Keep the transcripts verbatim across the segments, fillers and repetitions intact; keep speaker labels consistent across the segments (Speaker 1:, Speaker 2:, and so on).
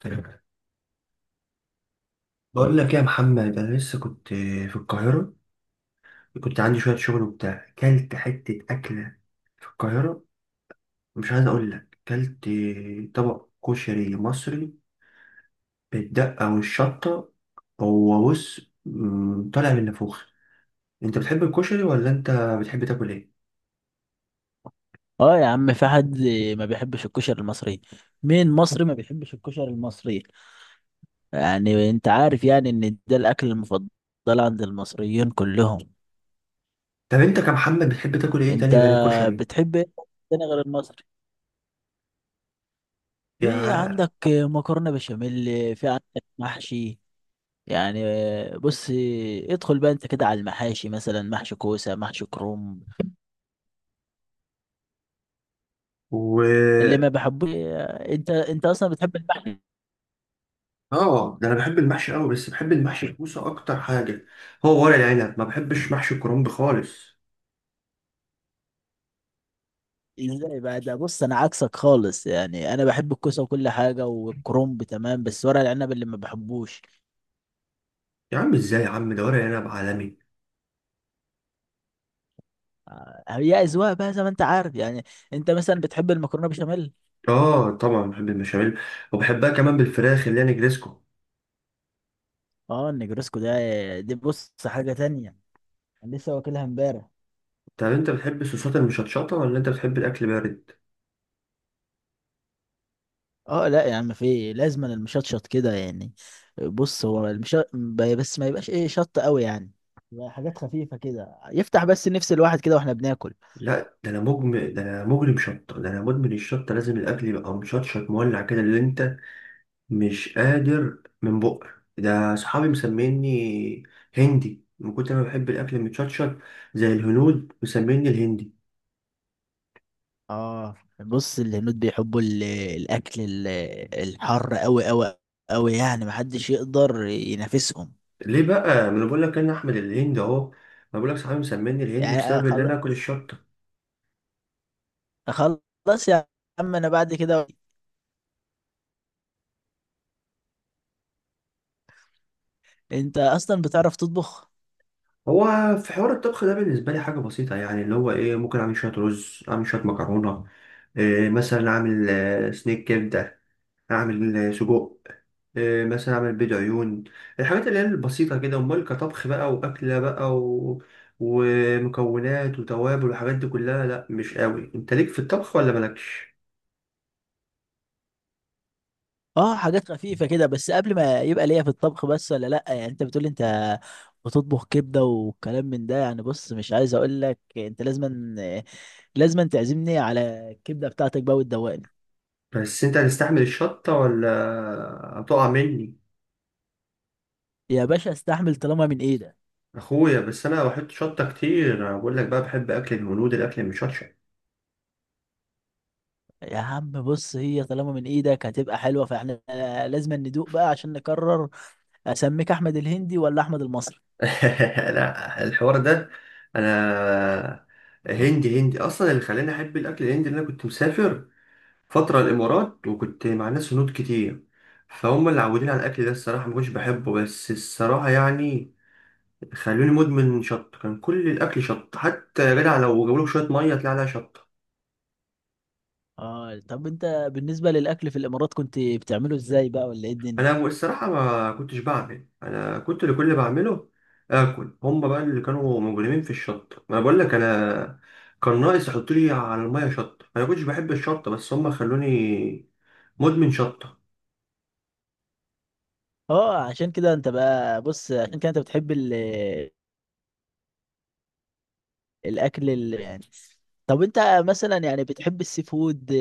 Speaker 1: تمام. بقول لك يا محمد انا لسه كنت في القاهره، كنت عندي شويه شغل وبتاع، كلت حته اكله في القاهره. مش عايز اقول لك كلت طبق كشري مصري بالدقه والشطه، هو بص مم، طالع من نافوخ. انت بتحب الكشري ولا انت بتحب تاكل ايه؟
Speaker 2: اه يا عم، في حد ما بيحبش الكشري المصري؟ مين مصري ما بيحبش الكشري المصري؟ يعني انت عارف يعني ان ده الاكل المفضل عند المصريين كلهم.
Speaker 1: طب انت كمحمد بتحب تاكل ايه
Speaker 2: انت
Speaker 1: تاني غير الكشري؟
Speaker 2: بتحب ايه تاني غير المصري؟ في
Speaker 1: يا
Speaker 2: عندك مكرونة بشاميل، في عندك محشي، يعني بص، ادخل بقى انت كده على المحاشي، مثلا محشي كوسة، محشي كروم اللي
Speaker 1: و
Speaker 2: ما بحبوش. انت انت اصلا بتحب المحشي؟
Speaker 1: اه، ده انا بحب المحشي قوي، بس بحب المحشي الكوسه اكتر حاجه، هو ورق العنب. ما بحبش محشي الكرنب خالص.
Speaker 2: ازاي بقى؟ ده بص انا عكسك خالص يعني، انا بحب الكوسه وكل حاجه والكرنب تمام، بس ورق العنب اللي ما بحبوش.
Speaker 1: يا عم ازاي يا عم، ده ورق عنب عالمي.
Speaker 2: آه، هي اذواق بقى زي ما انت عارف يعني. انت مثلا بتحب المكرونه بشاميل؟
Speaker 1: اه طبعا بحب المشاميل، وبحبها كمان بالفراخ اللي هي نجريسكو.
Speaker 2: اه النجرسكو ده، دي بص حاجه تانية، انا لسه واكلها امبارح.
Speaker 1: طب انت بتحب الصوصات المشطشطه ولا انت بتحب الاكل بارد؟
Speaker 2: اه لا يا عم، في إيه؟ لازم أنا المشطشط كده يعني. بص هو المش... بس ما يبقاش ايه شط قوي يعني، يبقى حاجات خفيفه كده، يفتح بس نفس الواحد كده واحنا بناكل.
Speaker 1: لا، ده انا مجم ده انا مجرم شطه، ده انا مدمن الشطه، لازم الاكل يبقى مشطشط مولع كده، اللي انت مش قادر من بقك. ده صحابي مسميني هندي من كتر ما بحب الاكل المتشطشط، زي الهنود مسميني الهندي.
Speaker 2: اه بص، الهنود بيحبوا ال- الاكل ال- الحر قوي قوي قوي يعني، محدش يقدر ينافسهم.
Speaker 1: ليه بقى؟ ما انا بقول لك انا احمد الهندي اهو، ما بقول لك صحابي مسميني الهندي
Speaker 2: يعني
Speaker 1: بسبب اللي
Speaker 2: خلاص،
Speaker 1: انا اكل الشطه.
Speaker 2: خلاص يا عم، انا بعد كده. انت اصلا بتعرف تطبخ؟
Speaker 1: هو في حوار الطبخ ده بالنسبة لي حاجة بسيطة يعني، اللي هو إيه، ممكن أعمل شوية رز، أعمل شوية مكرونة، إيه مثلا أعمل آه، سنيك كبدة، أعمل آه، سجق، إيه مثلا أعمل بيض عيون، الحاجات اللي هي البسيطة كده. أمال كطبخ بقى وأكلة بقى و... ومكونات وتوابل والحاجات دي كلها، لأ مش قوي. أنت ليك في الطبخ ولا مالكش؟
Speaker 2: اه حاجات خفيفة كده بس، قبل ما يبقى ليا في الطبخ بس ولا لا يعني. انت بتقول انت بتطبخ كبدة والكلام من ده يعني، بص مش عايز اقول لك، انت لازما لازما تعزمني على الكبدة بتاعتك بقى وتدوقني.
Speaker 1: بس أنت هتستحمل الشطة ولا هتقع مني؟
Speaker 2: يا باشا استحمل طالما من ايدك.
Speaker 1: أخويا بس أنا بحط شطة كتير، أنا بقول لك بقى بحب أكل الهنود الأكل المشطشط.
Speaker 2: يا عم بص، هي طالما من ايدك هتبقى حلوه، فاحنا لازم ندوق بقى عشان نقرر اسميك احمد الهندي ولا احمد المصري.
Speaker 1: لا، الحوار ده انا هندي هندي اصلا. اللي خلاني احب الاكل الهندي ان انا كنت مسافر فتره الامارات، وكنت مع ناس هنود كتير، فهم اللي عودين على الاكل ده. الصراحه ما كنتش بحبه، بس الصراحه يعني خلوني مدمن شط. كان كل الاكل شط، حتى يا جدع لو جابولك شويه ميه تلاقي عليها شط.
Speaker 2: اه طب انت بالنسبه للاكل في الامارات كنت بتعمله ازاي بقى، ولا ايه الدنيا؟
Speaker 1: انا الصراحه ما كنتش بعمل، انا كنت اللي كل اللي بعمله اكل. هم بقى اللي كانوا مجرمين في الشط، ما أنا بقول لك انا كان ناقص يحطوا لي على الميه شطه. انا كنتش بحب الشطه بس هم خلوني مدمن شطه.
Speaker 2: اه عشان كده انت بقى، بص عشان كده انت بتحب ال الاكل ال يعني. طب انت مثلا يعني بتحب السي فود،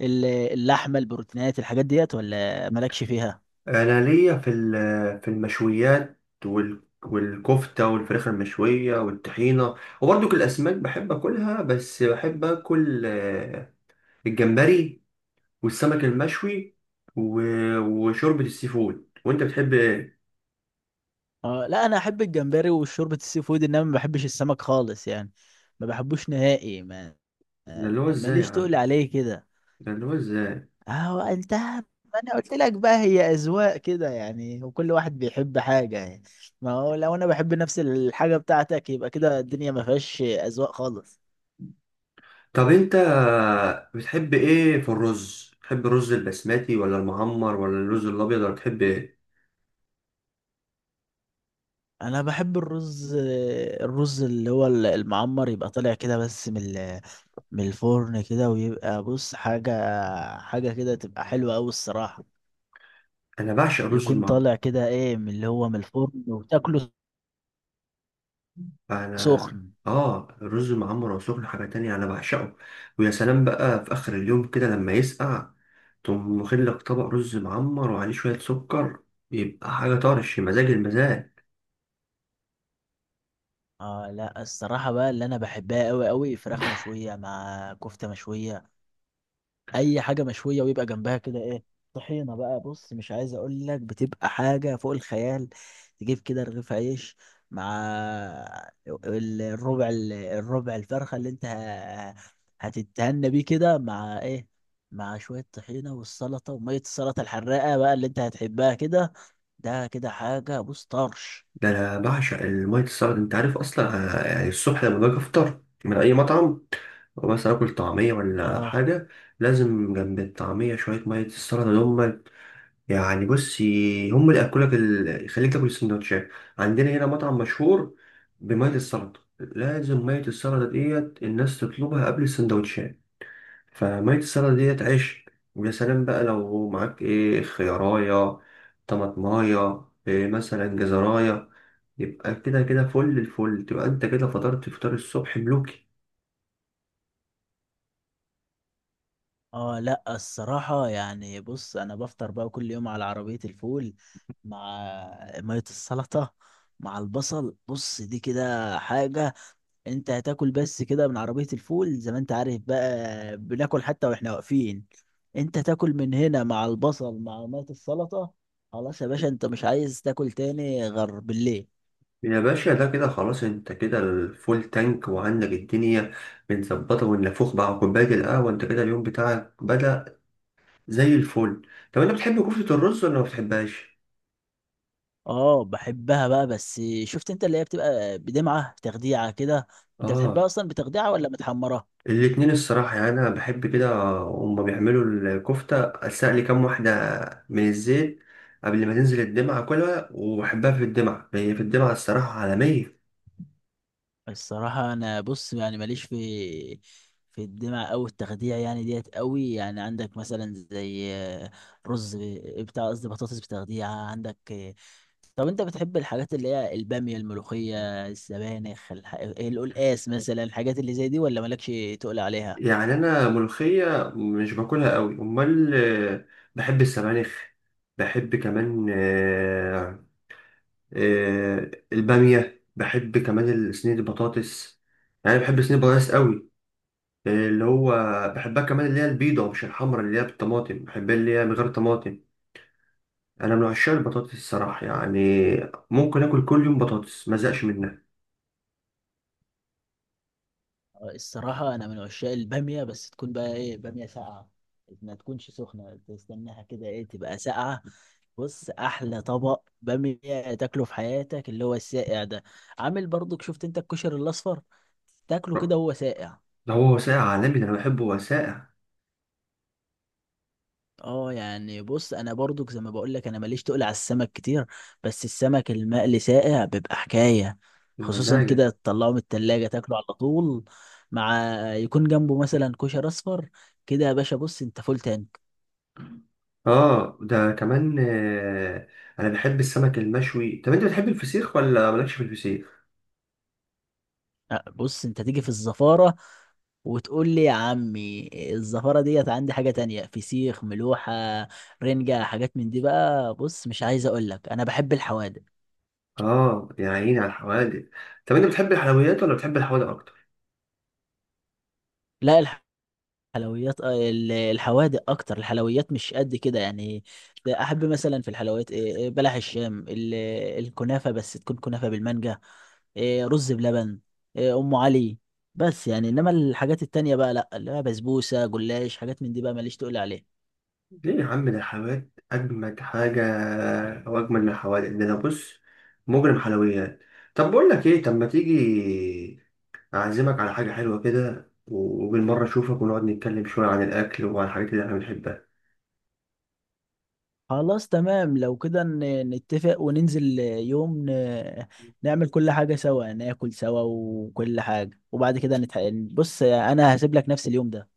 Speaker 2: ال- اللحمه، البروتينات، الحاجات ديت، ولا مالكش فيها؟
Speaker 1: انا ليا في ال- في المشويات وال والكفته والفراخ المشويه والطحينه، وبرضك الاسماك بحب اكلها، بس بحب اكل آه، الجمبري والسمك المشوي و- وشوربه السي فود. وانت بتحب إيه؟
Speaker 2: اه لا، انا احب الجمبري وشوربة السي فود، انما ما بحبش السمك خالص يعني، ما بحبوش نهائي ما
Speaker 1: ده
Speaker 2: آه،
Speaker 1: اللي هو ازاي يا
Speaker 2: ماليش تقول
Speaker 1: عم،
Speaker 2: عليه كده.
Speaker 1: ده اللي هو ازاي؟
Speaker 2: اهو انت، ما انا قلت لك بقى، هي اذواق كده يعني، وكل واحد بيحب حاجة يعني. ما هو لو انا بحب نفس الحاجة بتاعتك يبقى كده الدنيا ما فيهاش اذواق خالص.
Speaker 1: طب انت بتحب ايه في الرز؟ بتحب الرز البسمتي ولا المعمر ولا الرز الابيض ولا بتحب ايه؟
Speaker 2: انا بحب الرز، الرز اللي هو المعمر، يبقى طالع كده بس من ال- من الفرن كده، ويبقى بص حاجة، حاجة كده تبقى حلوة أوي الصراحة.
Speaker 1: انا بعشق الرز
Speaker 2: يكون
Speaker 1: المعمر.
Speaker 2: طالع كده ايه، من اللي هو من الفرن وتاكله
Speaker 1: انا
Speaker 2: سخن.
Speaker 1: اه، الرز المعمر وسخن حاجه تانية، انا بعشقه. ويا سلام بقى في اخر اليوم كده لما يسقع، تقوم واخد لك طبق رز معمر وعليه شويه سكر، يبقى حاجه طرش مزاج المزاج.
Speaker 2: اه لا الصراحة بقى، اللي انا بحبها قوي قوي فراخ مشوية مع كفتة مشوية، اي حاجه مشويه، ويبقى جنبها كده ايه، طحينه بقى، بص مش عايز اقول لك، بتبقى حاجه فوق الخيال. تجيب كده رغيف عيش مع ال- الربع ال- الربع الفرخه اللي انت ه- هتتهنى بيه كده، مع ايه، مع شويه طحينه والسلطه وميه السلطه الحراقه بقى اللي انت هتحبها كده. ده كده حاجه، بص طرش.
Speaker 1: ده انا بعشق الميه السلطه، انت عارف اصلا. آه، يعني الصبح لما باجي افطر من اي مطعم مثلا اكل طعميه ولا
Speaker 2: اه.
Speaker 1: حاجه، لازم جنب الطعميه شويه ميه السلطه دول. يعني بص، ي- هم اللي ياكلك ال... يخليك تاكل السندوتشات. عندنا هنا مطعم مشهور بميه السلطه، لازم ميه السلطه ديت الناس تطلبها قبل السندوتشات. فميه السلطه ديت عيش. ويا سلام بقى لو معاك ايه خيارايه طماطمايه إيه مثلا جزرايه، يبقى كده كده فل الفل، تبقى انت كده فطرت فطار الصبح ملوكي.
Speaker 2: اه لا الصراحة يعني، بص انا بفطر بقى كل يوم على عربية الفول، مع مية السلطة، مع البصل، بص دي كده حاجة. انت هتاكل بس كده من عربية الفول، زي ما انت عارف بقى، بناكل حتى واحنا واقفين. انت تاكل من هنا مع البصل مع مية السلطة، خلاص يا باشا انت مش عايز تاكل تاني غير بالليل.
Speaker 1: يا باشا ده كده خلاص، انت كده الفول تانك وعندك الدنيا متظبطة، والنافوخ مع كوباية القهوة، انت كده اليوم بتاعك بدأ زي الفل. طب انت بتحب كفتة الرز ولا ما بتحبهاش؟
Speaker 2: اه بحبها بقى، بس شفت انت اللي هي بتبقى بدمعة تخديعة كده. انت
Speaker 1: اه
Speaker 2: بتحبها اصلا بتخديعة ولا متحمرة؟
Speaker 1: الاتنين الصراحة، يعني انا بحب كده، هما بيعملوا الكفتة استقلي كام واحدة من الزيت قبل ما تنزل الدمعة كلها، وبحبها في الدمعة، هي في الدمعة الصراحة عالمية.
Speaker 2: الصراحة أنا بص يعني، ماليش في في الدمع أو التخديع يعني ديت قوي يعني. عندك مثلا زي آه، رز ب- بتاع، قصدي بطاطس بتخديع، عندك آه، طب أنت بتحب الحاجات اللي هي البامية، الملوخية، السبانخ، الح... القلقاس مثلا، الحاجات اللي زي دي، ولا مالكش تقول عليها؟
Speaker 1: يعني انا ملوخيه مش باكلها قوي، امال آه، بحب السبانخ، بحب كمان آه، آه، الباميه، بحب كمان صينيه البطاطس، يعني بحب صينيه البطاطس قوي. آه، اللي هو بحبها كمان اللي هي البيضه مش الحمرا، اللي هي بالطماطم بحبها اللي هي من غير طماطم. انا من عشاق البطاطس الصراحه، يعني ممكن اكل كل يوم بطاطس ما ازهقش منها.
Speaker 2: الصراحة أنا من عشاق البامية، بس تكون بقى إيه، بامية ساقعة، ما تكونش سخنة، تستناها كده إيه تبقى ساقعة. بص أحلى طبق بامية تاكله في حياتك اللي هو الساقع ده، عامل برضك شفت أنت الكشري الأصفر، تاكله كده وهو ساقع.
Speaker 1: ده هو وثائق عالمي، ده انا بحبه وثائق
Speaker 2: اه يعني بص، انا برضو زي ما بقول لك، انا ماليش تقل على السمك كتير، بس السمك المقلي ساقع بيبقى حكايه، خصوصا
Speaker 1: بمزاج.
Speaker 2: كده تطلعه من التلاجة تاكله على طول، مع يكون جنبه مثلا كشر اصفر كده، يا باشا بص انت فول تانك.
Speaker 1: اه ده كمان آه، انا بحب السمك المشوي. طب انت بتحب الفسيخ ولا مالكش في الفسيخ؟
Speaker 2: أه، بص انت تيجي في الزفاره وتقول لي يا عمي الزفاره ديت، عندي حاجه تانية، فسيخ، ملوحه، رنجه، حاجات من دي بقى، بص مش عايز اقول لك، انا بحب الحوادق.
Speaker 1: اه يا عيني على الحوادق. طب انت بتحب الحلويات ولا بتحب الحوادق اكتر؟
Speaker 2: لا حلويات آه، ال- الحوادق اكتر، الحلويات مش قد كده يعني. ده احب مثلا في الحلويات إيه، إيه، بلح الشام، ال- الكنافه، بس تكون كنافه بالمانجا، إيه، رز بلبن، إيه، ام علي، بس يعني. انما الحاجات التانية بقى لا، اللي هي بسبوسه، جلاش، حاجات من دي بقى، ماليش تقول عليها.
Speaker 1: ليه يا عم، ده الحلويات اجمد حاجه او اجمل من الحوادق، ده انا بص مجرم حلويات. طب بقول لك ايه، طب ما تيجي اعزمك على حاجه حلوه كده، وبالمره اشوفك ونقعد نتكلم شويه عن الاكل وعن الحاجات اللي احنا بنحبها.
Speaker 2: خلاص تمام، لو كده ن- نتفق وننزل آه، يوم ن- نعمل كل حاجة سوا، ناكل سوا وكل حاجة وبعد كده نتح... بص أنا هسيب لك نفس اليوم ده.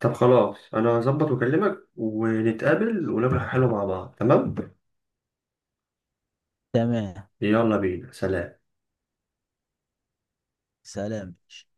Speaker 1: طب خلاص انا هظبط واكلمك ونتقابل وناكل حاجه حلوه مع بعض. تمام،
Speaker 2: تمام.
Speaker 1: يلا بينا. سلام.
Speaker 2: سلام.